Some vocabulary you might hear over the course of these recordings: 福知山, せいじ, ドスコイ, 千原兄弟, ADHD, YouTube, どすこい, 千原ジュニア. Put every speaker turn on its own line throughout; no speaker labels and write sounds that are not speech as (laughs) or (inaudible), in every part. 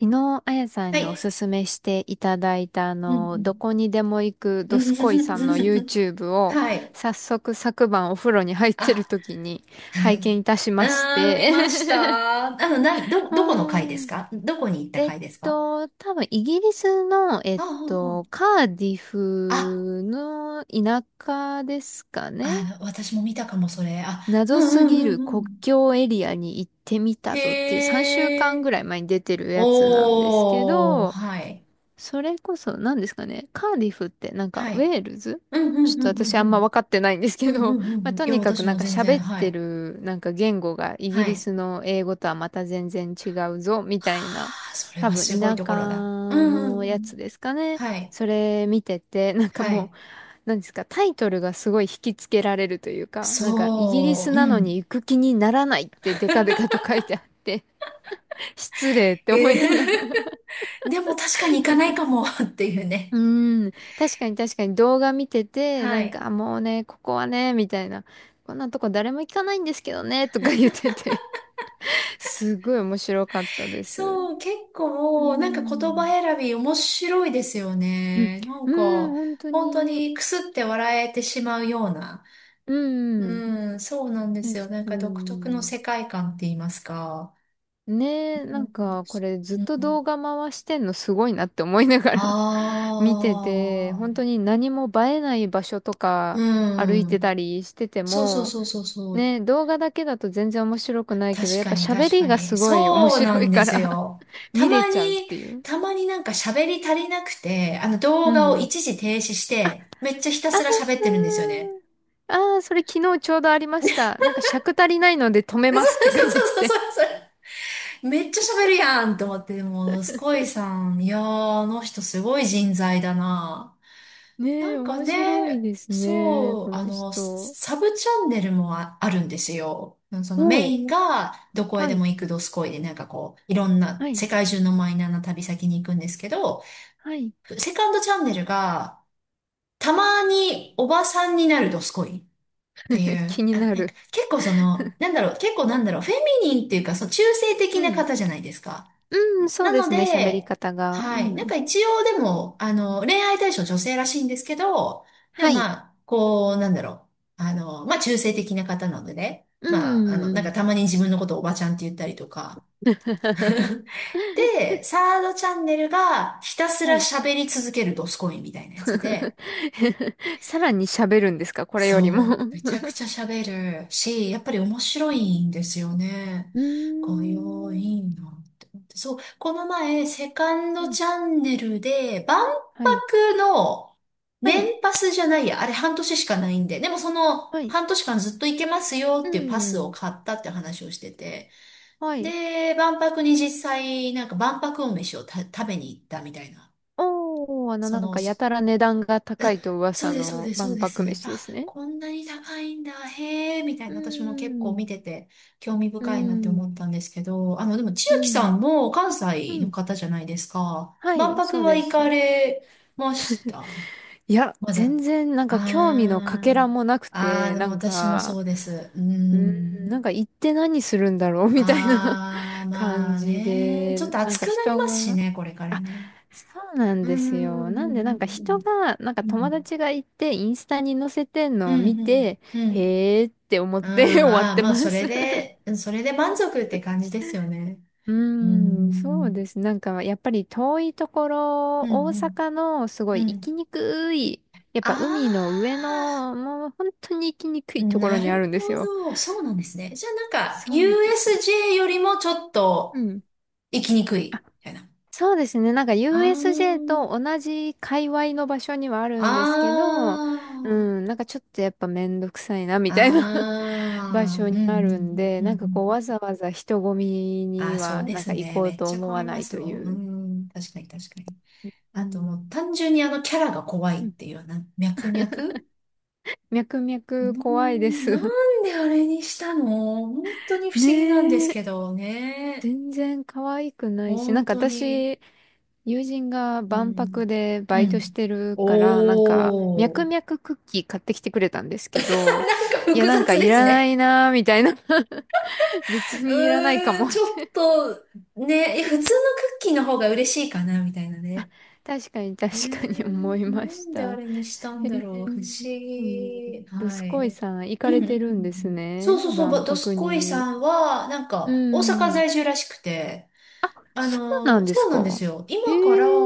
昨日、あやさん
は
にお
い。
すすめしていただいた、
う
ど
ん
こにでも行く
う
ドスコイさんの
ん。
YouTube
(laughs)
を、
はい。
早速昨晩お風呂に入ってる
あ、
時に
は
拝
い。
見いたしまし
うーん、見まし
て。
た。なん、
(laughs)
ど、どこの
う
回です
ん。
か？どこに行った
えっ
回ですか？
多分イギリスの、
あ、うんうん。
カーディ
あ、
フの田舎ですかね。
私も見たかも、それ。あ、う
謎
んう
す
ん
ぎ
う
る
んう
国
ん。
境エリアに行ってみたぞっていう
へ
3週間ぐ
え。
らい前に出てるやつなんですけ
おー、
ど、
はい。
それこそ、何ですかね。カーディフってなんか、
は
ウェ
い。
ールズ
うんう
ちょ
んう
っ
ん
と
う
私
ん
あ
う
んま分
ん。
かってないんです
う
け
んう
ど、
んう
(laughs) ま
ん
あ、
うん。い
と
や、
にかく
私
なん
も
か
全然、
喋っ
は
て
い。
るなんか言語がイギ
は
リ
い。
スの英語とはまた全然違うぞ、み
あ
たいな。
あ、それ
多
は
分
すごい
田
ところだ。う
舎
んうん
の
う
やつ
ん。
ですかね。
はい。
それ見てて、なんか
は
も
い。
う、なんですか、タイトルがすごい引きつけられるというか、なんか、イギリ
そ
ス
う、
な
う
のに
ん。
行く気にならないってデカデカと書いてあって、(laughs) 失礼って思い
え
ながら
ー (laughs) でも確かに行かないかも (laughs) っていうね。
うーん。確かに確かに動画見てて、
は
なん
い。
かあもうね、ここはね、みたいな。こんなとこ誰も行かないんですけどね、とか言ってて (laughs) すごい面白かったです。
そう、結
うー
構、なんか言葉
ん。
選び面白いですよ
うん。
ね。なん
うん、
か、
本当
本当
に。
にくすって笑えてしまうような。
うん。
うん、そうなんです
確
よ。なん
か
か独特の
に。
世界観って言いますか。
ねえ、
う
なん
ん、
かこれずっと
うん、
動画回してんのすごいなって思いなが
あ
ら (laughs) 見てて、本当に何も映えない場所と
あー、
か歩い
う
てた
ん。
りしてて
そうそう
も、
そうそうそう。
ね、動画だけだと全然面白くないけど、
確
やっ
か
ぱ
に
喋
確
り
か
が
に。
すごい面
そうな
白い
んで
か
す
ら
よ。
(laughs)
た
見れ
まに、
ちゃうっていう。
たまになんか喋り足りなくて、あの
う
動
ん
画を
うん。
一時停止して、めっちゃひたすら
あ
喋ってるんですよね。
あ、ああ、それ昨日ちょうどありました。なんか尺足りないので止
(laughs)
め
そう
ますって書いてあっ
そうそ
て。
うそうそう。めっちゃ喋るやんと思って、でも、スコイさん、いやー、あの人すごい人材だな。
ね
な
え、
んか
面白い
ね、
ですね、
そう、
この人。
サブチャンネルもあるんですよ。そ
お
のメ
お、
インが、どこへ
は
で
い、
も行くどすこいで、なんかこう、いろんな、
はい、
世界中のマイナーな旅先に行くんですけど、
はい。
セカンドチャンネルが、たまにおばさんになるどすこいってい
(laughs) 気
う、
に
あ、
な
なんか
る。
結構、なんだろう、フェミニンっていうか、その中性的
う
な
ん、
方じゃないですか。
うん、そう
な
で
の
すね、喋り
で、
方が。う
はい。なん
ん。
か一応でも、恋愛対象女性らしいんですけど、で
は
も
い。
まあ、こう、なんだろう。まあ中性的な方なのでね。
う
まあ、
ん、う
なんか
ん。
たまに自分のことをおばちゃんって言ったりとか。
(laughs)
(laughs) で、サードチャンネルがひたす
は
ら
い。(laughs)
喋り続けるドスコインみたいなやつで、
(laughs) さらに喋るんですかこれよりも
そう、めちゃくち
(laughs)
ゃ喋るし、やっぱり面白いんですよね。
うー
こう、よう
ん。
いいなって思って。そう、この前、セカン
う
ド
ん。
チャンネルで、万
はい。
博の
はい。
年パスじゃないや、あれ半年しかないんで、でもその
はい。
半年間ずっと行けますよ
う
っていうパスを
ん。
買ったって話をしてて、
はい。
で、万博に実際、なんか万博お飯を食べに行ったみたいな。
おー、
そ
なん
の、
か、やたら値段が高いと
そう
噂
です、そう
の
です、そう
万
です。
博飯で
あ、
すね。
こんなに高いんだ、へえ、みたい
うー
な、私も結構見
ん。
てて、興味
う
深いなって
ん。
思ったんですけど、でも、千
う
秋さ
ん。
んも関西
う
の
ん。
方じゃないですか。
は
万
い。
博
そう
は
で
行
す。そ
か
うです。
れました？
いや、
ま
全
だ。
然、なんか、興味のか
あ
け
ー、
らもなく
あー、
て、
で
な
も
ん
私も
か、
そうです。う
うーん、
ん。
なんか、行って何するんだろうみたいな
あー、
(laughs) 感
まあ
じ
ね、
で、
ちょっと
なん
暑く
か、
なり
人
ますし
が、
ね、これから
あ
ね。
そうなん
うん、
です
うん、
よ。な
う
んで
ん、
な
う
んか人
ん、
が、なんか
う
友
ん。
達がいて、インスタに載せてん
う
のを見
ん、うん、
て、
うん、うん。
へーって思っ
うん、
て (laughs) 終わっ
ああ、
て
まあ、
ま
そ
す。(laughs)
れ
う
で、うんそれで満足って感じですよね。う
ーん、そう
ん。
です。なんかやっぱり遠いところ、
う
大
ん、うん。
阪のすごい
う
行
ん。
きにくい、やっぱ
あ
海の上の、もう本当に行きにく
あ、
いところ
な
にある
る
んで
ほ
すよ。
ど。そうなんですね。じゃあ、なんか、
そうです。
USJ よりもちょっ
う
と
ん。
行きにくい、みたいな。
そうですね。なんか USJ
あ
と同じ界隈の場所にはある
あ、
んですけど、う
あ
ん、なんかちょっとやっぱめんどくさいなみたいな (laughs) 場
あ、あ
所
ー
に
うん、
あるんで、
うん、うん、う
なんか
ん。
こうわざわざ人混み
あ
に
ーそ
は
うで
なん
す
か行
ね。
こう
めっ
と
ちゃ
思
混
わ
み
な
ま
い
す
とい
もん。う
う。
ん、確かに確かに。
う
あとも
ん、
う単純にあのキャラが怖い
う
っ
ん
ていうような、脈々
脈
うー
々怖いで
ん、な
す
んであれにしたの本当に
(laughs)
不思議なんで
ね
すけ
え。
どね。
全然可愛くないし、なん
本
か
当に。
私、友人が
う
万
ん。
博で
う
バイトし
ん。
てるから、なんか、
お
脈
ー。
々クッキー買ってきてくれたんですけど、
なんか
いや、
複
なんか
雑で
い
す
らな
ね。
いなーみたいな (laughs) 別にいらないか
うーん、
もっ
ちょっ
て
と、ね、いや、普通のクッキーの方が嬉しいかな、みたいなね。
確かに確
ね
かに思い
え、な
まし
んであ
た。
れにしたん
へ
だろ
え、
う。不思
うん。
議。
ドス
は
コイ
い。
さん行
う
かれ
んうん
て
う
るんです
ん。そ
ね。
うそうそう、
万
ど
博
すこいさ
に。
んは、なん
う
か、大阪
ん。
在住らしくて、
あ、そうなんで
そ
す
うなんです
か。
よ。
え
今から、
え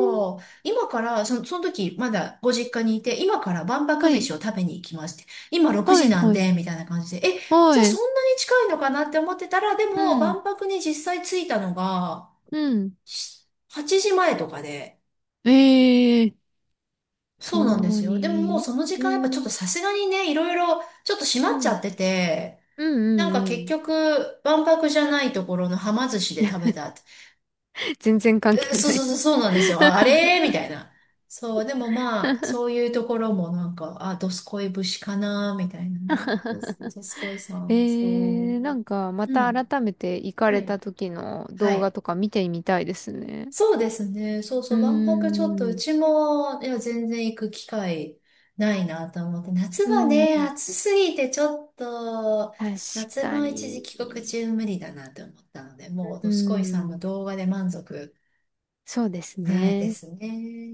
その時、まだご実家にいて、今から万博
は
飯
い。
を食べに行きますって。今6
は
時
い
なん
はい。
で、みたいな感じで。え、じ
は
ゃあそん
い。
なに近いのかなって思ってたら、で
う
も、
ん。
万博に実際着いたのが、
うん。
8時前とかで。
ええそ
そうな
ん
んです
な
よ。でももう
に、
その時
え
間、やっぱちょっと
ー、
さすがにね、いろいろ、ちょっと閉
う
まっちゃ
ん、
ってて、
う
なんか
んうんう
結
ん。
局、万博じゃないところのはま寿司で食べた。
(laughs) 全然関係
そう
な
そ
い
うそう、そうなんですよ。あ、あれみたいな。そう、でもまあ、そういうところもなんか、あ、どすこい節かなみたいなね。そうそう、どすこいさ
(laughs) え
ん、そう。
ー、なんかま
う
た
ん。
改めて行か
は
れ
い。
た時の
は
動画
い。
とか見てみたいですね。
そうですね。そう
う
そ
ー
う、万博ちょっと、う
ん、
ちも、いや、全然行く機会ないなと思って。夏
う
は
ん、
ね、暑すぎてちょっと、
確
夏
か
の一時帰国
に。
中無理だなと思ったので、もう、
う
どすこいさんの
ん、
動画で満足。
そうです
はいで
ね。
すね。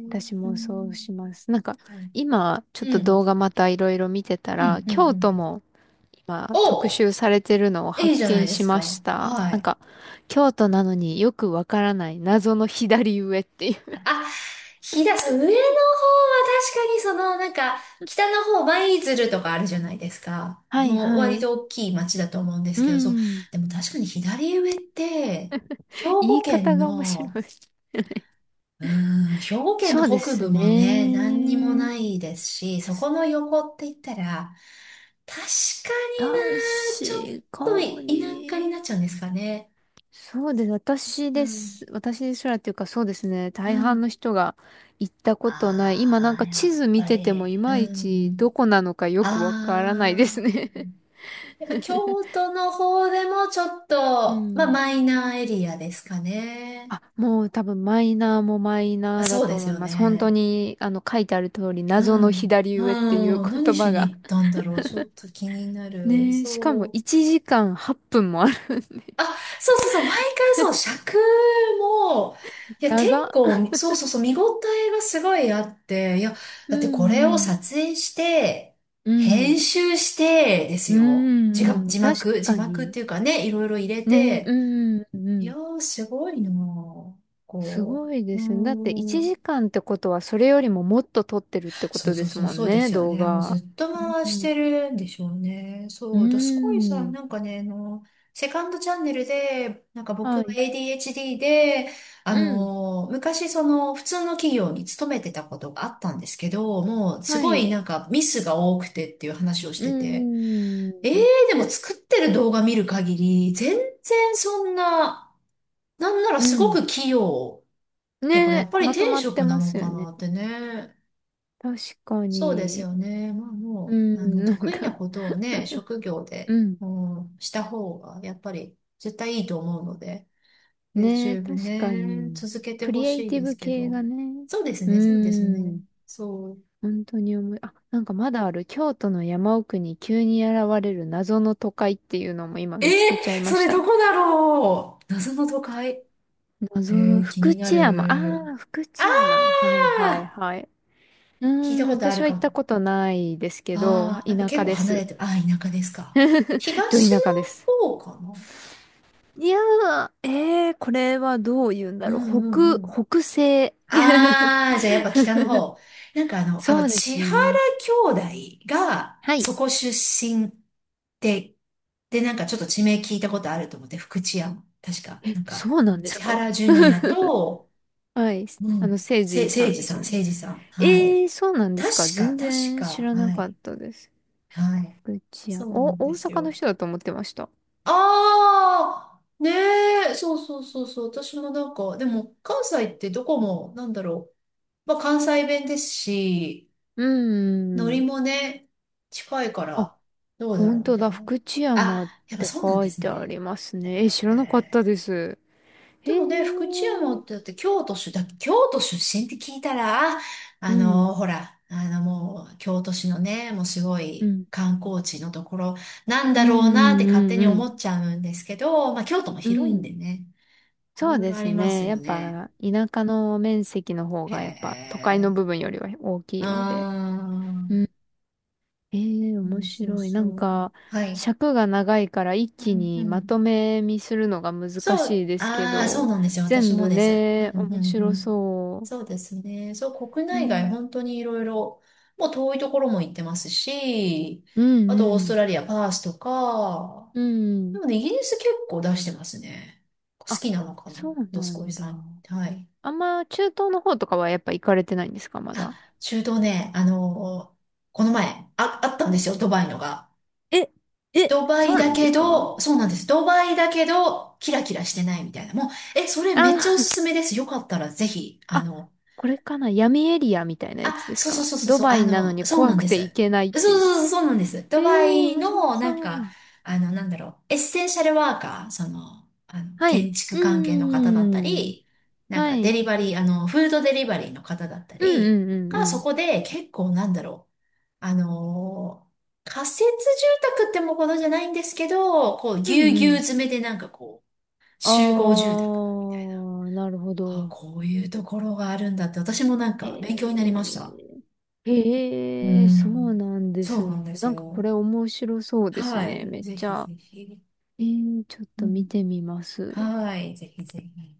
私
う
もそう
ん
します。なんか
はい。
今ちょっ
う
と動
ん。
画またいろいろ見てた
う
ら、
ん、うん、
京
う
都
ん。
もまあ、特
お、
集されてるのを
い
発
いじゃない
見
で
し
す
まし
か。
た。
は
なん
い。
か、京都なのによくわからない謎の左上っていう。
あ、飛騨、そう上の方は確かになんか、北の方、舞鶴とかあるじゃないですか。
はい
もう
は
割
い。
と大きい町だと思うんです
う
けど、そう。
ん。
でも確かに左上って、兵
言
庫
い
県
方が面
の、
白い。
うん、兵庫県
そ
の
うで
北
す
部もね、何にも
ね。
ないですし、
確
そ
か
この
に。
横って言ったら、確かにな、ちょっと田舎になっちゃうんですかね。
そうです。私
う
で
ん
す。私ですらっていうか、そうですね。
う
大半の
ん。
人が行ったことない。今なん
ああ、
か
や
地
っ
図見
ぱ
ててもい
り。う
まいち
ん。
どこなのかよくわか
あ
らないで
あ、
すね。
やっぱ京都の方でもちょっ
(laughs) う
と、まあ、
ん。
マイナーエリアですかね。
あ、もう多分マイナーもマイ
あ、
ナーだ
そう
と
です
思い
よ
ます。本当
ね。
に、書いてある通り、
う
謎の
ん。
左上っていう
うん。何
言
し
葉
に
が。
行ったんだろう。ちょっと気になる。
ねえ、しかも
そう。
1時間8分もあるんで。
あ、そうそうそう、毎回そう、尺も、いや、結
長っ。
構、そうそうそう、見応えがすごいあって、いや、
う
だってこれ
んう
を
ん。
撮影して、
うん。
編集して、です
う
よ。
んうん。確
字
か
幕っ
に。
ていうかね、いろいろ入れ
ねえ、う
て、
んうんう
いや
ん。
ー、すごいなー
す
こ
ごい
う、
で
う
すね。だって
ー
1
ん。
時間ってことは、それよりももっと撮ってるってこ
そう
とで
そう
す
そう、
も
そ
ん
うで
ね、
すよ
動
ね。もうず
画。
っと回
う
し
ん
てるんでしょうね。
う
そう、ドスコイさ
ん。う
ん、
ん。
なんかね、セカンドチャンネルで、なんか僕
は
は
い。
ADHD で、
うん。
昔その普通の企業に勤めてたことがあったんですけど、もうす
は
ごい
い。
なんかミスが多くてっていう話をして
う
て、
うん
えー、
うん。
でも作ってる動画見る限り、全然そんな、なんなら
う
すご
ん。
く器用。だからやっ
ね、
ぱり
まと
天
まって
職な
ま
の
すよ
か
ね。
なってね。
確か
そうです
に。
よね。まあ
う
もう、
ん、なん
得意な
か、
ことをね、職業
う
で、
ん。
もうした方が、やっぱり絶対いいと思うので、
ね、
YouTube
確か
ね、
に。
続けて
ク
ほ
リエイ
しい
ティ
で
ブ
すけ
系
ど。
がね。
そうです
う
ね、そうですね。
ん。
そう。
本当に思い、あ、なんかまだある。京都の山奥に急に現れる謎の都会っていうのも今
えー、
見つけちゃいま
そ
し
れ
た。
どこだろう謎の都会。
謎の
気
福
にな
知山。あ
る。
あ、福
あ
知山。はいはい
あ
はい。うー
聞いた
ん、
ことあ
私
る
は
か
行った
も。
ことないですけど、
ああ、やっぱ
田
結
舎
構
で
離
す。
れて、ああ、田舎ですか。
ど
東
田舎です。
の方かな。
いやー、えー、これはどう言うんだ
う
ろう。
んうん
北、
うん。
北西。
ああ、じゃあやっぱ北の
(laughs)
方。なんか
そうです
千原
ね。
兄弟が
はい。
そこ出身で、で、なんかちょっと地名聞いたことあると思って、福知山。確か、なんか、
そうなんです
千
か
原ジュニア
(laughs)
と、
はい。
うん、
セイジさんですよね。
せいじさん。はい。
えー、そうなんで
確
すか。全
確
然知
か、
らな
は
かっ
い。
たです。
はい。
福知
そ
山。
うな
お、
んで
大
す
阪の
よ。
人だと思ってました。
ああ、ねえ、そうそうそうそう。私もなんか、でも、関西ってどこも、なんだろう。まあ、関西弁ですし、
う
ノ
ー
リ
ん。
もね、近いか
あ、
ら、どうだろ
本
うみ
当
た
だ。
いな。
福知山っ
あ、やっぱ
て
そうなん
書
で
い
す
てあ
ね。
りますね。えー、知らなかった
え
で
ー
す。へ
で
え
もね、福知山っ
ー。
てだって京都出身って聞いたら、
うん。
ほら、もう、京都市のね、もうすご
う
い
ん。
観光地のところなん
う
だろうなって
ん
勝手
うんう
に
んう
思
ん。
っちゃうんですけど、まあ京都も
う
広いん
ん。
でね、い
そう
ろい
で
ろあ
す
ります
ね。や
よ
っ
ね。
ぱ田舎の面積の方
へ
がやっぱ都会
え。
の部分よりは大き
あ
いので。
あ、
うん。ええ、
う
面
ん、そう
白い。
そ
なん
う。
か
はい。
尺が長いから一
う
気
ん、う
にまと
ん。
め見するのが難
そ
しい
う、
ですけ
ああ、そう
ど、
なんですよ。私
全
も
部
です。うん、
ね、
うん、
面
う
白
ん。
そ
そうですね。そう、国
う。う
内外、
ん。
本当にいろいろ、もう遠いところも行ってますし、
うん
あ
う
とオースト
ん。
ラリア、パースとか、
うんう
で
ん。
もね、イギリス結構出してますね。好
あ、
きなのかな、
そうな
ドスコイ
んだ。
さん。はい。
あんま中東の方とかはやっぱ行かれてないんですか、ま
あ、
だ。
中東ね、この前、あったんですよ、ドバイのが。
え、え、
ドバ
そ
イ
うな
だ
んで
け
すか
ど、そうなんです。ドバイだけど、キラキラしてないみたいな。もう、それめっちゃ
あ
お
(laughs)
すすめです。よかったらぜひ、
あ、これかな闇エリアみたいなやつ
あ、
です
そうそう
か
そうそう
ド
そう、
バイなのに
そうな
怖
ん
く
で
て
す。
行けないっ
そう
ていう。
そうそう、そうなんです。
え
ドバ
えー、
イ
面白
の、なん
そ
か、
う。
エッセンシャルワーカー、
はい。
建築
う
関係の方だった
ーん。
り、なん
は
かデ
い。
リバリー、フードデリバリーの方だった
うん
り
うんうんう
が、そ
ん。
こで結構なんだろう、仮設住宅ってもほどじゃないんですけど、こう、
う
ぎゅう
ん
ぎ
う
ゅう
ん。
詰めでなんかこう、集合住
あ
宅みたい
ー、なるほ
な。あ、
ど。
こういうところがあるんだって、私もなん
へ
か勉
え。
強になりました。う
へえ、そう
ん。
なんで
そ
す
う
ね。
なんです
なんかこ
よ。
れ面白そうです
は
ね。
い。
めっ
ぜ
ち
ひ
ゃ。
ぜひ。
えー、ちょっ
う
と見
ん。
てみます。
はい。ぜひぜひ。